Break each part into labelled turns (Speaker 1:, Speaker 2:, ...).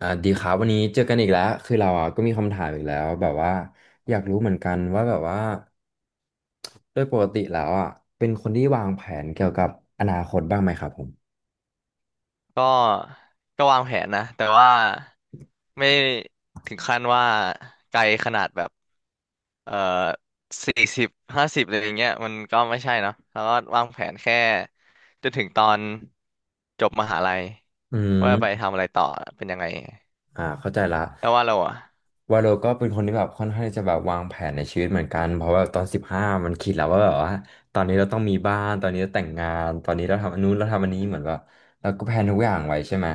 Speaker 1: ดีครับวันนี้เจอกันอีกแล้วคือเราอ่ะก็มีคำถามอีกแล้วแบบว่าอยากรู้เหมือนกันว่าแบบว่าโดยปกติแล้วอ่ะเป็นคนที่วางแผนเกี่ยวกับอนาคตบ้างไหมครับผม
Speaker 2: ก็ก็วางแผนนะแต่ว่าไม่ถึงขั้นว่าไกลขนาดแบบเอ่อ4050อะไรอย่างเงี้ยมันก็ไม่ใช่เนาะแล้วก็วางแผนแค่จนถึงตอนจบมหาลัย
Speaker 1: อื
Speaker 2: ว่าไป
Speaker 1: ม
Speaker 2: ทำอะไรต่อเป็นยังไง
Speaker 1: อ่าเข้าใจละ
Speaker 2: แล้วว่าเราอ่ะ
Speaker 1: วาโลก็เป็นคนที่แบบค่อนข้างที่จะแบบวางแผนในชีวิตเหมือนกันเพราะว่าตอนสิบห้ามันคิดแล้วว่าแบบว่าตอนนี้เราต้องมีบ้านตอนนี้เราแต่งงานตอนนี้เราทำอันนู้นเราทำอันนี้เหมือนแบบเราก็แพลนทุกอย่างไว้ใช่ไหม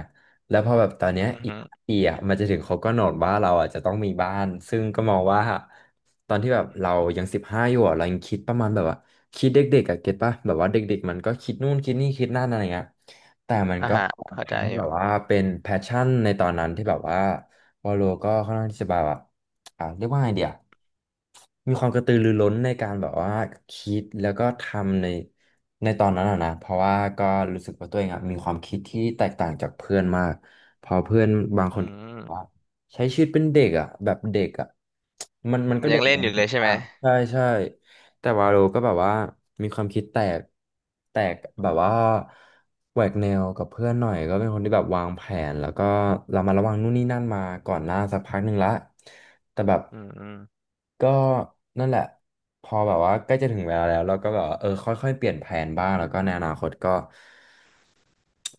Speaker 1: แล้วพอแบบตอนเนี้ย
Speaker 2: อือ
Speaker 1: อีก
Speaker 2: ฮึ
Speaker 1: 5 ปีอ่ะมันจะถึงเขาก็กำหนดว่าเราอ่ะจะต้องมีบ้านซึ่งก็มองว่าตอนที่แบบเรายังสิบห้าอยู่อ่ะเรายังคิดประมาณแบบว่าคิดเด็กๆอ่ะเก็ตป่ะแบบว่าเด็กๆมันก็คิดนู่นคิดนี่คิดนั่นอะไรเงี้ย แต่มัน
Speaker 2: อ่ะ
Speaker 1: ก็
Speaker 2: ฮะเข้าใจ
Speaker 1: ทำให้
Speaker 2: อ
Speaker 1: แบบว่า
Speaker 2: ยู่
Speaker 1: เป็นแพชชั่นในตอนนั้นที่แบบว่าวอลโลก็ค่อนข้างที่จะแบบว่าเรียกว่าไงเดียมีความกระตือรือร้นในการแบบว่าคิดแล้วก็ทำในตอนนั้นอะนะเพราะว่าก็รู้สึกว่าตัวเองอะมีความคิดที่แตกต่างจากเพื่อนมากเพื่อนบาง
Speaker 2: อื
Speaker 1: คนว่า
Speaker 2: ม
Speaker 1: ใช้ชีวิตเป็นเด็กอ่ะแบบเด็กอ่ะมัน
Speaker 2: มั
Speaker 1: ก็
Speaker 2: นยั
Speaker 1: เด็
Speaker 2: ง
Speaker 1: ก
Speaker 2: เล่น
Speaker 1: นะ
Speaker 2: อยู่เลยใช่
Speaker 1: อ่ะ
Speaker 2: ไหม
Speaker 1: ใช่ใช่ แต่วาโลก็แบบว่ามีความคิดแตกแบบว่าแหวกแนวกับเพื่อนหน่อยก็เป็นคนที่แบบวางแผนแล้วก็เรามาระวังนู่นนี่นั่นมาก่อนหน้าสักพักหนึ่งละแต่แบบ
Speaker 2: อืม
Speaker 1: ก็นั่นแหละพอแบบว่าใกล้จะถึงเวลาแล้วเราก็แบบว่าเออค่อยๆเปลี่ยนแผนบ้างแล้วก็ในอนาคตก็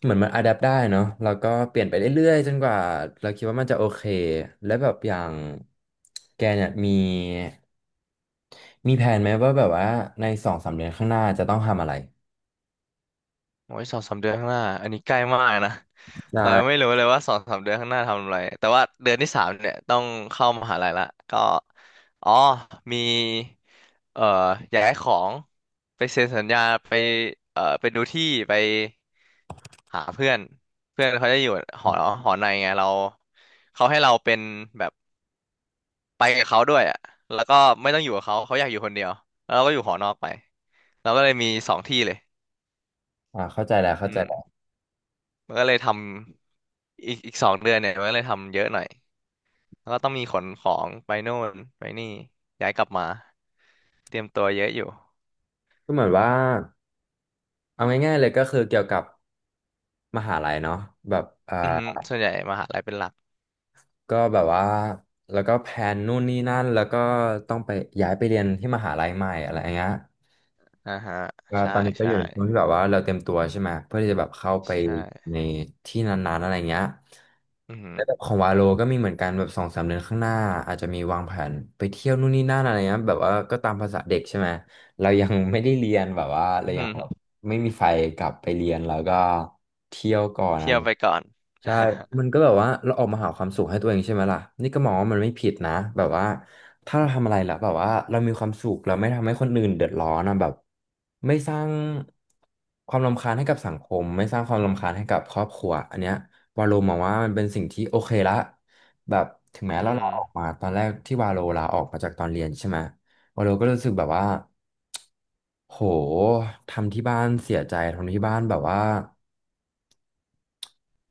Speaker 1: เหมือนมันอะแดปได้เนาะแล้วก็เปลี่ยนไปเรื่อยๆจนกว่าเราคิดว่ามันจะโอเคและแบบอย่างแกเนี่ยมีแผนไหมว่าแบบว่าในสองสามเดือนข้างหน้าจะต้องทำอะไร
Speaker 2: โอ้ยสองสามเดือนข้างหน้าอันนี้ใกล้มากนะ
Speaker 1: ใช่
Speaker 2: เรายังไม่รู้เลยว่าสองสามเดือนข้างหน้าทำอะไรแต่ว่าเดือนที่สามเนี่ยต้องเข้ามหาลัยละก็อ๋อมีเอ่อย้ายของไปเซ็นสัญญาไปไปดูที่ไปหาเพื่อนเพื่อนเขาจะอยู่หอหอในไงเราเขาให้เราเป็นแบบไปกับเขาด้วยอ่ะแล้วก็ไม่ต้องอยู่กับเขาเขาอยากอยู่คนเดียวแล้วเราก็อยู่หอนอกไปเราก็เลยมีสองที่เลย
Speaker 1: อ่าเข้าใจแล้วเข้า
Speaker 2: อื
Speaker 1: ใจ
Speaker 2: ม
Speaker 1: แล้ว
Speaker 2: มันก็เลยทำอีก2 เดือนเนี่ยมันก็เลยทำเยอะหน่อยแล้วก็ต้องมีขนของไปโน่นไปนี่ย้ายกลับมาเตรียมตัวเยอะอยู่
Speaker 1: ก็เหมือนว่าเอาง่ายๆเลยก็คือเกี่ยวกับมหาลัยเนาะแบบอ่า
Speaker 2: อือหือส่วนใหญ่มหาลัยเป็นหลัก
Speaker 1: ก็แบบว่าแล้วก็แพนนู่นนี่นั่นแล้วก็ต้องไปย้ายไปเรียนที่มหาลัยใหม่อะไรอย่างเงี้ย
Speaker 2: อ่าฮะ
Speaker 1: ก็
Speaker 2: ใช่
Speaker 1: ตอนนี้ก็อ
Speaker 2: ใช่
Speaker 1: ยู่ในช่วงที่แบบว่าเราเตรียมตัวใช่ไหมเพื่อที่จะแบบเข้าไป
Speaker 2: ใช่
Speaker 1: ในที่นานๆอะไรเงี้ย
Speaker 2: อือหือ
Speaker 1: แล้วแบบของวาโลก็มีเหมือนกันแบบสองสามเดือนข้างหน้าอาจจะมีวางแผนไปเที่ยวนู่นนี่นั่นอะไรเงี้ยแบบว่าก็ตามภาษาเด็กใช่ไหม เรายังไม่ได้เรียนแบบว่าเรา
Speaker 2: อือ
Speaker 1: ยั
Speaker 2: หื
Speaker 1: ง
Speaker 2: อ
Speaker 1: แบบไม่มีไฟกลับไปเรียนแล้วก็เที่ยวก่อนอะไร
Speaker 2: เที่ยว
Speaker 1: เงี้
Speaker 2: ไป
Speaker 1: ย
Speaker 2: ก่อน
Speaker 1: ใช่มันก็แบบว่าเราออกมาหาความสุขให้ตัวเองใช่ไหมล่ะนี่ก็มองว่ามันไม่ผิดนะแบบว่าถ้าเราทำอะไรแล้วแบบว่าเรามีความสุขเราไม่ทำให้คนอื่นเดือดร้อนนะแบบไม่สร้างความรำคาญให้กับสังคมไม่สร้างความรำคาญให้กับครอบครัวอันเนี้ยวาโลมองว่ามันเป็นสิ่งที่โอเคละแบบถึงแม้
Speaker 2: อื
Speaker 1: เราลา
Speaker 2: ม
Speaker 1: ออกมาตอนแรกที่วาโลลาออกมาจากตอนเรียนใช่ไหม วาโลก็รู้สึกแบบว่าโหทำที่บ้านเสียใจทำที่บ้านแบบว่า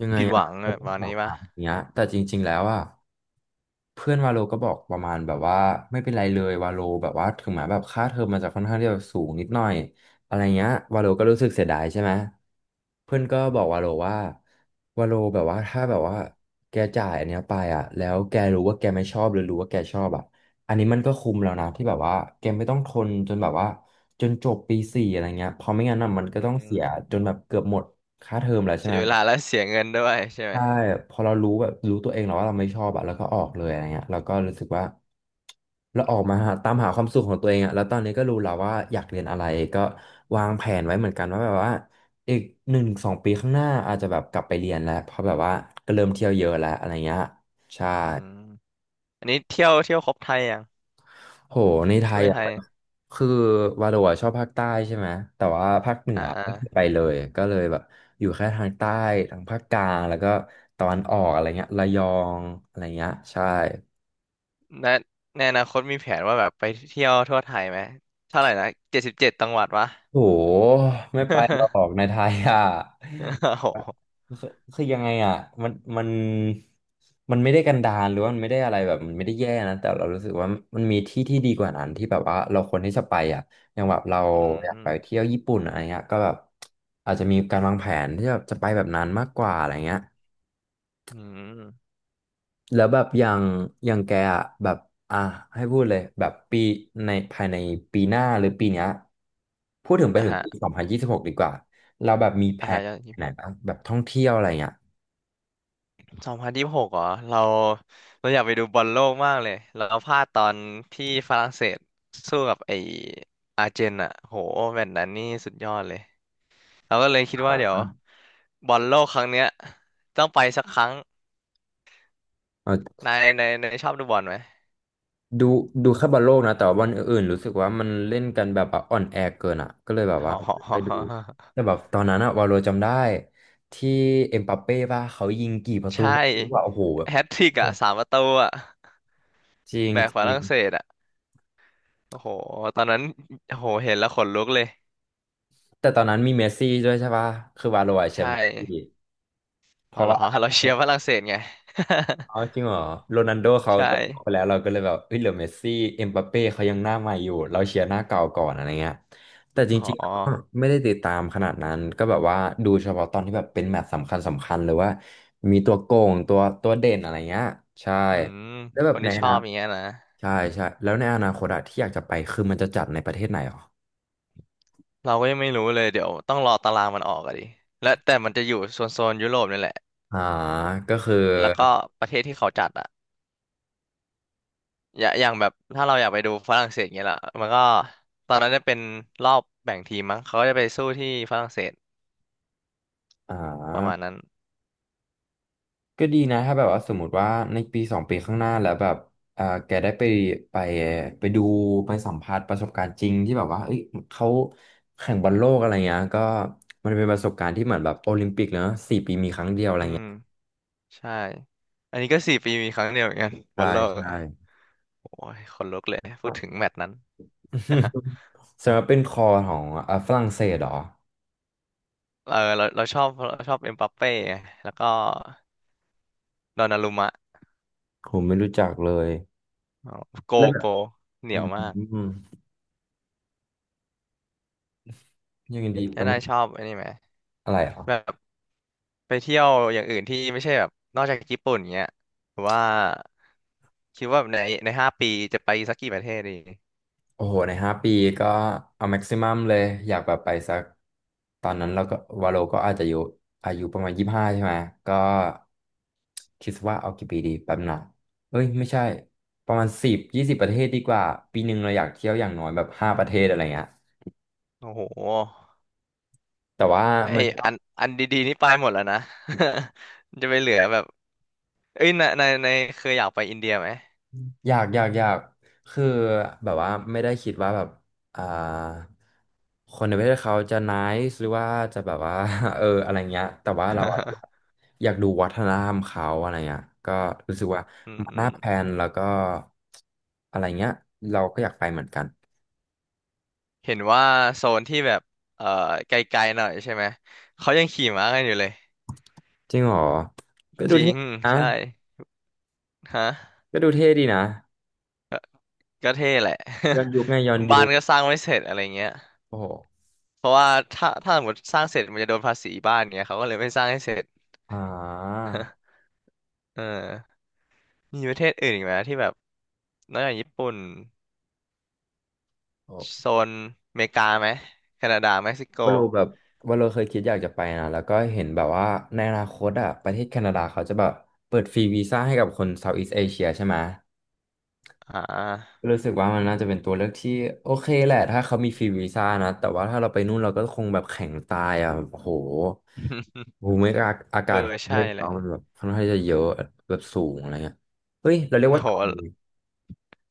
Speaker 1: ยังไง
Speaker 2: ผิดห
Speaker 1: อะ
Speaker 2: วัง
Speaker 1: เขา
Speaker 2: อะ
Speaker 1: พู
Speaker 2: ประ
Speaker 1: ด
Speaker 2: มาณ
Speaker 1: แบ
Speaker 2: นี้
Speaker 1: บ
Speaker 2: ปะ
Speaker 1: เนี้ยแต่จริงๆแล้วอะ เพื่อนวาโลก็บอกประมาณแบบว่าไม่เป็นไรเลยวาโลแบบว่าถึงแม้แบบค่าเทอมมันจะค่อนข้างที่จะสูงนิดหน่อยอะไรเงี้ยวาโลก็รู้สึกเสียดายใช่ไหมเพื่อนก็บอกวาโลว่าวาโลแบบว่าถ้าแบบว่าแกจ่ายอันเนี้ยไปอ่ะแล้วแกรู้ว่าแกไม่ชอบหรือรู้ว่าแกชอบอ่ะอันนี้มันก็คุ้มแล้วนะที่แบบว่าแกไม่ต้องทนจนแบบว่าจนจบปี 4อะไรเงี้ยเพราะไม่งั้นน่ะมันก็
Speaker 2: อื
Speaker 1: ต้องเสีย
Speaker 2: ม
Speaker 1: จนแบบเกือบหมดค่าเทอมแล้วใช่
Speaker 2: เสี
Speaker 1: ไหม
Speaker 2: ยเวลาและเสียเงินด้วยใช่ไหม
Speaker 1: ใช่พอเรารู้แบบรู้ตัวเองแล้วว่าเราไม่ชอบอะแล้วก็ออกเลยอะไรเงี้ยเราก็รู้สึกว่าเราออกมาหาตามหาความสุขของตัวเองอะแล้วตอนนี้ก็รู้แล้วว่าอยากเรียนอะไรก็วางแผนไว้เหมือนกันว่าแบบว่าอีก1-2 ปีข้างหน้าอาจจะแบบกลับไปเรียนแล้วเพราะแบบว่าก็เริ่มเที่ยวเยอะแล้วอะไรเงี้ยใช่
Speaker 2: อืมอันนี้เที่ยวครบไทยยัง
Speaker 1: โหในไท
Speaker 2: ทั่
Speaker 1: ย
Speaker 2: วไท
Speaker 1: อ่ะ
Speaker 2: ย
Speaker 1: คือวาโรอะชอบภาคใต้ใช่ไหมแต่ว่าภาคเหนื
Speaker 2: อ่
Speaker 1: อไม่เคยไป
Speaker 2: า
Speaker 1: เลยก็เลยแบบอยู่แค่ทางใต้ทางภาคกลางแล้วก็ตอนออกอะไรเงี้ยระยองอะไรเงี้ยใช่
Speaker 2: แนในอนาคตมีแผนว่าแบบไปเที่ยวทั่วไทยไหมเท่าไหร่นะ77จังหวัดวะ
Speaker 1: โอ้โหไม่ไปหรอกในไทยอ่ะ
Speaker 2: โอ้โห
Speaker 1: คือคือยังไงอ่ะมันมันไม่ได้กันดารหรือว่ามันไม่ได้อะไรแบบมันไม่ได้แย่นะแต่เรารู้สึกว่ามันมีที่ที่ดีกว่านั้นที่แบบว่าเราควรที่จะไปอ่ะอย่างแบบเรา
Speaker 2: อื
Speaker 1: อยาก
Speaker 2: ม
Speaker 1: ไปเที่ยวญี่ปุ่นอะไรเงี้ยก็แบบอาจจะมีการวางแผนที่แบบจะไปแบบนั้นมากกว่าอะไรเงี้ย
Speaker 2: อืม
Speaker 1: แล้วแบบอย่างอย่างแกอะแบบอ่ะให้พูดเลยแบบปีในภายในปีหน้าหรือปีเนี้ยพูดถึงไป
Speaker 2: อ่ะ
Speaker 1: ถึง
Speaker 2: ฮะ
Speaker 1: ปี 2026ดีกว่าเราแบบมีแผ
Speaker 2: อ่ะฮะ
Speaker 1: น
Speaker 2: ยี่สิบ
Speaker 1: ไหน
Speaker 2: หก
Speaker 1: นะแบบท่องเที่ยวอะไรเงี้ย
Speaker 2: 2026เหรอเราเราอยากไปดูบอลโลกมากเลยเราพลาดตอนที่ฝรั่งเศสสู้กับไออาร์เจนอ่ะโหแมตช์นั้นนี่สุดยอดเลยเราก็เลยคิดว่าเดี๋ยวบอลโลกครั้งเนี้ยต้องไปสักครั้ง
Speaker 1: เออ
Speaker 2: นายชอบดูบอลไหม
Speaker 1: ดูดูแค่บอลโลกนะแต่ว่าวันอื่นๆรู้สึกว่ามันเล่นกันแบบว่าอ่อนแอเกินอ่ะก็เลยแบบว่า
Speaker 2: อ๋
Speaker 1: ไปดู
Speaker 2: อ
Speaker 1: แต่แบบตอนนั้นอะวาโลจำได้ที่เอ็มบัปเป้ป่ะเขายิงกี่ประตู
Speaker 2: ใช่
Speaker 1: ว่าโอ้โหแบบ
Speaker 2: แฮตทริกอ่ะ3 ประตูอ่ะ
Speaker 1: จริง
Speaker 2: แบกฝ
Speaker 1: จริ
Speaker 2: รั่
Speaker 1: ง
Speaker 2: งเศสอ่ะโอ้โหตอนนั้นโอ้โหเห็นแล้วขนลุกเลย
Speaker 1: แต่ตอนนั้นมีเมสซี่ด้วยใช่ปะคือวาโลอะแช
Speaker 2: ใช่
Speaker 1: มป์เมสซี่เพ
Speaker 2: อ๋อ
Speaker 1: ราะ
Speaker 2: เหรอ
Speaker 1: ว่า
Speaker 2: เราเชียร์ฝรั่งเศสไง
Speaker 1: เอาจริงเหรอโรนัลโด เขา
Speaker 2: ใช่
Speaker 1: ตกไปแล้วเราก็เลยแบบเอ้ยเหลือเมสซี่เอ็มบัปเป้เขายังหน้าใหม่อยู่เราเชียร์หน้าเก่าก่อนอะไรเงี้ยแต่จ
Speaker 2: อ๋
Speaker 1: ริง
Speaker 2: อ
Speaker 1: ๆก็ไม่ได้ติดตามขนาดนั้นก็แบบว่าดูเฉพาะตอนที่แบบเป็นแมตช์สำคัญสำคัญหรือว่ามีตัวโกงตัวเด่นอะไรเงี้ยใช่
Speaker 2: อืม
Speaker 1: แล้วแบ
Speaker 2: ค
Speaker 1: บ
Speaker 2: น
Speaker 1: ใน
Speaker 2: ที่
Speaker 1: อ
Speaker 2: ชอ
Speaker 1: นา
Speaker 2: บอย่างเงี้ยนะ
Speaker 1: ใช่ใช่แล้วในอนาคตอะที่อยากจะไปคือมันจะจัดในประเทศไหนหรอ
Speaker 2: เราก็ยังไม่รู้เลยเดี๋ยวต้องรอตารางมันออกอะดิและแต่มันจะอยู่โซนยุโรปนี่แหละ
Speaker 1: อ่าก็คือ
Speaker 2: แล้วก็ประเทศที่เขาจัดอ่ะอย่างแบบถ้าเราอยากไปดูฝรั่งเศสเงี้ยล่ะมันก็ตอนนั้นจะเป็นรอบแบ่งทีมมั้งเขาก็จะไปสู้ที่ฝรั่งเศส
Speaker 1: อ่
Speaker 2: ประมาณ
Speaker 1: า
Speaker 2: นั้น
Speaker 1: ก็ดีนะถ้าแบบว่าสมมติว่าในปีสองปีข้างหน้าแล้วแบบเอ่าแกได้ไปไปไปดูไปสัมผัสประสบการณ์จริงที่แบบว่าเอ้ยเขาแข่งบอลโลกอะไรเงี้ยก็มันเป็นประสบการณ์ที่เหมือนแบบโอลิมปิกเนอะ4 ปีมีครั้งเดียวอะไร
Speaker 2: อืม
Speaker 1: เงี้ย
Speaker 2: ใช่อันนี้ก็4 ปีมีครั้งเดียวเหมือนกันบอ
Speaker 1: ใช่
Speaker 2: ลโลก
Speaker 1: ใช่
Speaker 2: อ่ะโอ้ยคนลุกเลย
Speaker 1: ค
Speaker 2: พู
Speaker 1: รั
Speaker 2: ด
Speaker 1: บ
Speaker 2: ถึงแมตช์นั้น
Speaker 1: สำหรับเป็นคอของเอ่าฝรั่งเศสเหรอ
Speaker 2: เออเราชอบเอ็มบัปเป้ไงแล้วก็ดอนนารุมะ
Speaker 1: ผมไม่รู้จักเลย
Speaker 2: อ๋อโก
Speaker 1: แล้วแบ
Speaker 2: โก
Speaker 1: บ
Speaker 2: เหนี
Speaker 1: อ
Speaker 2: ยวมาก
Speaker 1: ืมอย่างดี
Speaker 2: แล้
Speaker 1: เป็
Speaker 2: ว
Speaker 1: น
Speaker 2: นายชอบไอันนี้ไหม
Speaker 1: อะไรเหรอ
Speaker 2: แบบไปเที่ยวอย่างอื่นที่ไม่ใช่แบบนอกจากญี่ปุ่นเงี้ยหรือว่าคิดว่าใน5 ปีจะไปสักกี่ประเทศดี
Speaker 1: โอ้โหใน5 ปีก็เอาแม็กซิมัมเลยอยากแบบไปสักตอนนั้นเราก็วาโลก็อาจจะอยู่อายุประมาณ25ใช่ไหมก็คิดว่าเอากี่ปีดีแป๊บหนึงเอ้ยไม่ใช่ประมาณ10-20ประเทศดีกว่าปีหนึ่งเราอยากเที่ยวอย่างน้อยแบบ5 ประเทศอะไรเงี้ย
Speaker 2: โอ้โห
Speaker 1: แต่ว่า
Speaker 2: ไอ
Speaker 1: มัน
Speaker 2: อันอันดีๆนี่ไปหมดแล้วนะ จะไปเหลือแบบ เอ้ยในในในเคยอยากไปอินเดียไหม
Speaker 1: อยากคือแบบว่าไม่ได้คิดว่าแบบอ่าคนในประเทศเขาจะ n i า e หรือว่าจะแบบว่า เอออะไรเงี้ยแต่ว่าเราอะ อยากดูวัฒนธรรมเขาอะไรเงี้ยก็รู้สึกว่า
Speaker 2: อืม
Speaker 1: มั น
Speaker 2: อื
Speaker 1: น่า
Speaker 2: ม
Speaker 1: แพลนแล้วก็อะไรเงี้ยเราก็อยากไปเหมือนกัน
Speaker 2: เห็นว่าโซนที่แบบเอ่อไกลๆหน่อยใช่ไหมเขายังขี่ม้ากันอยู่เลย
Speaker 1: จริงเหรอก็ดู
Speaker 2: จริ
Speaker 1: เท่
Speaker 2: ง
Speaker 1: นะ
Speaker 2: ใช่ฮะ
Speaker 1: ก็ดูเท่ดีนะ
Speaker 2: ก็เท่แหละ
Speaker 1: ย้อนยุคไงย้อน
Speaker 2: บ้า
Speaker 1: ยุ
Speaker 2: น
Speaker 1: ค
Speaker 2: ก็สร้างไม่เสร็จอะไรเงี้ย
Speaker 1: โอ้โห
Speaker 2: เพราะว่าถ้าสมมติสร้างเสร็จมันจะโดนภาษีบ้านเงี้ยเขาก็เลยไม่สร้างให้เสร็จ
Speaker 1: อ่า
Speaker 2: เออมีประเทศอื่นอีกไหมที่แบบนอกจากญี่ปุ่นโซนอเมริกาไหมแคนาดาเม็กซิโก
Speaker 1: ว่าโลแบบว่าโลเคยคิดอยากจะไปนะแล้วก็เห็นแบบว่าในอนาคตอ่ะประเทศแคนาดาเขาจะแบบเปิดฟรีวีซ่าให้กับคนเซาท์อีส t ์เอเชียใช่ไหม
Speaker 2: อ่า
Speaker 1: ก็รู้สึกว่ามันน่าจะเป็นตัวเลือกที่โอเคแหละถ้าเขามีฟรีวีซ่านะแต่ว่าถ้าเราไปนู่นเราก็คงแบบแข็งตายอ่ะโอ้โห ภูมิอา
Speaker 2: เอ
Speaker 1: กา
Speaker 2: อ
Speaker 1: ศของประ
Speaker 2: ใช่
Speaker 1: เทศ
Speaker 2: แหละ
Speaker 1: เขามันแบบค่อนข้างจะเยอะแบบสูงอะไรเงี้ยเฮ้ยเราเรียกว่า
Speaker 2: โห
Speaker 1: ต่ำเลย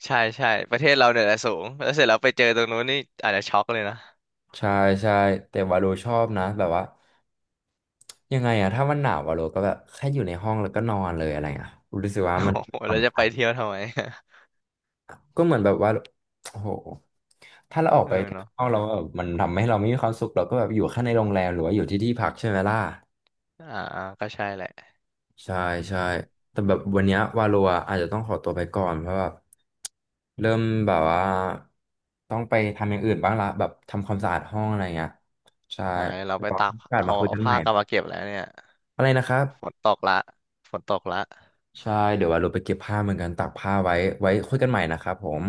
Speaker 2: ใช่ใช่ประเทศเราเนี่ยแหละสูงแล้วเสร็จแล้วไปเจอตรงนู้นนี่อาจจะช็อกเลยนะ
Speaker 1: ใช่ใช่แต่ว่าโลชอบนะแบบว่า ยังไงอะถ้ามันหนาวอะโลก็แบบแค่อยู่ในห้องแล้วก็นอนเลยอะไรอะรู้สึกว่ามัน
Speaker 2: โอ้โห
Speaker 1: ผ่อ
Speaker 2: แล้
Speaker 1: น
Speaker 2: วจะ
Speaker 1: ค
Speaker 2: ไป
Speaker 1: ลาย
Speaker 2: เที่ยวทำไม
Speaker 1: ก็เหมือนแบบว่าโอ้โหถ้าเราออ ก
Speaker 2: เออ
Speaker 1: ไปข้าง
Speaker 2: เนาะ
Speaker 1: นอ
Speaker 2: ใช่
Speaker 1: ก
Speaker 2: ไหม
Speaker 1: เราแบบมันทำให้เราไม่มีความสุขเราก็แบบอยู่แค่ในโรงแรมหรือว่าอยู่ที่ที่พักใช่ไหมล่ะ
Speaker 2: อ่าอ่าก็ใช่แหละ
Speaker 1: ใช่ใช่
Speaker 2: อืม
Speaker 1: แต่แบบวันเนี้ยวาโลอะอาจจะต้องขอตัวไปก่อนเพราะแบบเริ่มแบบว่าต้องไปทำอย่างอื่นบ้างละแบบทำความสะอาดห้องอะไรเงี้ยใช่
Speaker 2: หายเรา
Speaker 1: แล้ว
Speaker 2: ไป
Speaker 1: ก็
Speaker 2: ตาก
Speaker 1: โอกาส
Speaker 2: เอา
Speaker 1: มาคุย
Speaker 2: เอา
Speaker 1: กันให
Speaker 2: ผ้า
Speaker 1: ม่
Speaker 2: กลับมาเก็บแล้วเนี่ย
Speaker 1: อะไรนะครับ
Speaker 2: ฝนตกละฝนตกละ
Speaker 1: ใช่ เดี๋ยวว่าเราไปเก็บผ้าเหมือนกันตากผ้าไว้ ไว้คุยกันใหม่นะครับผม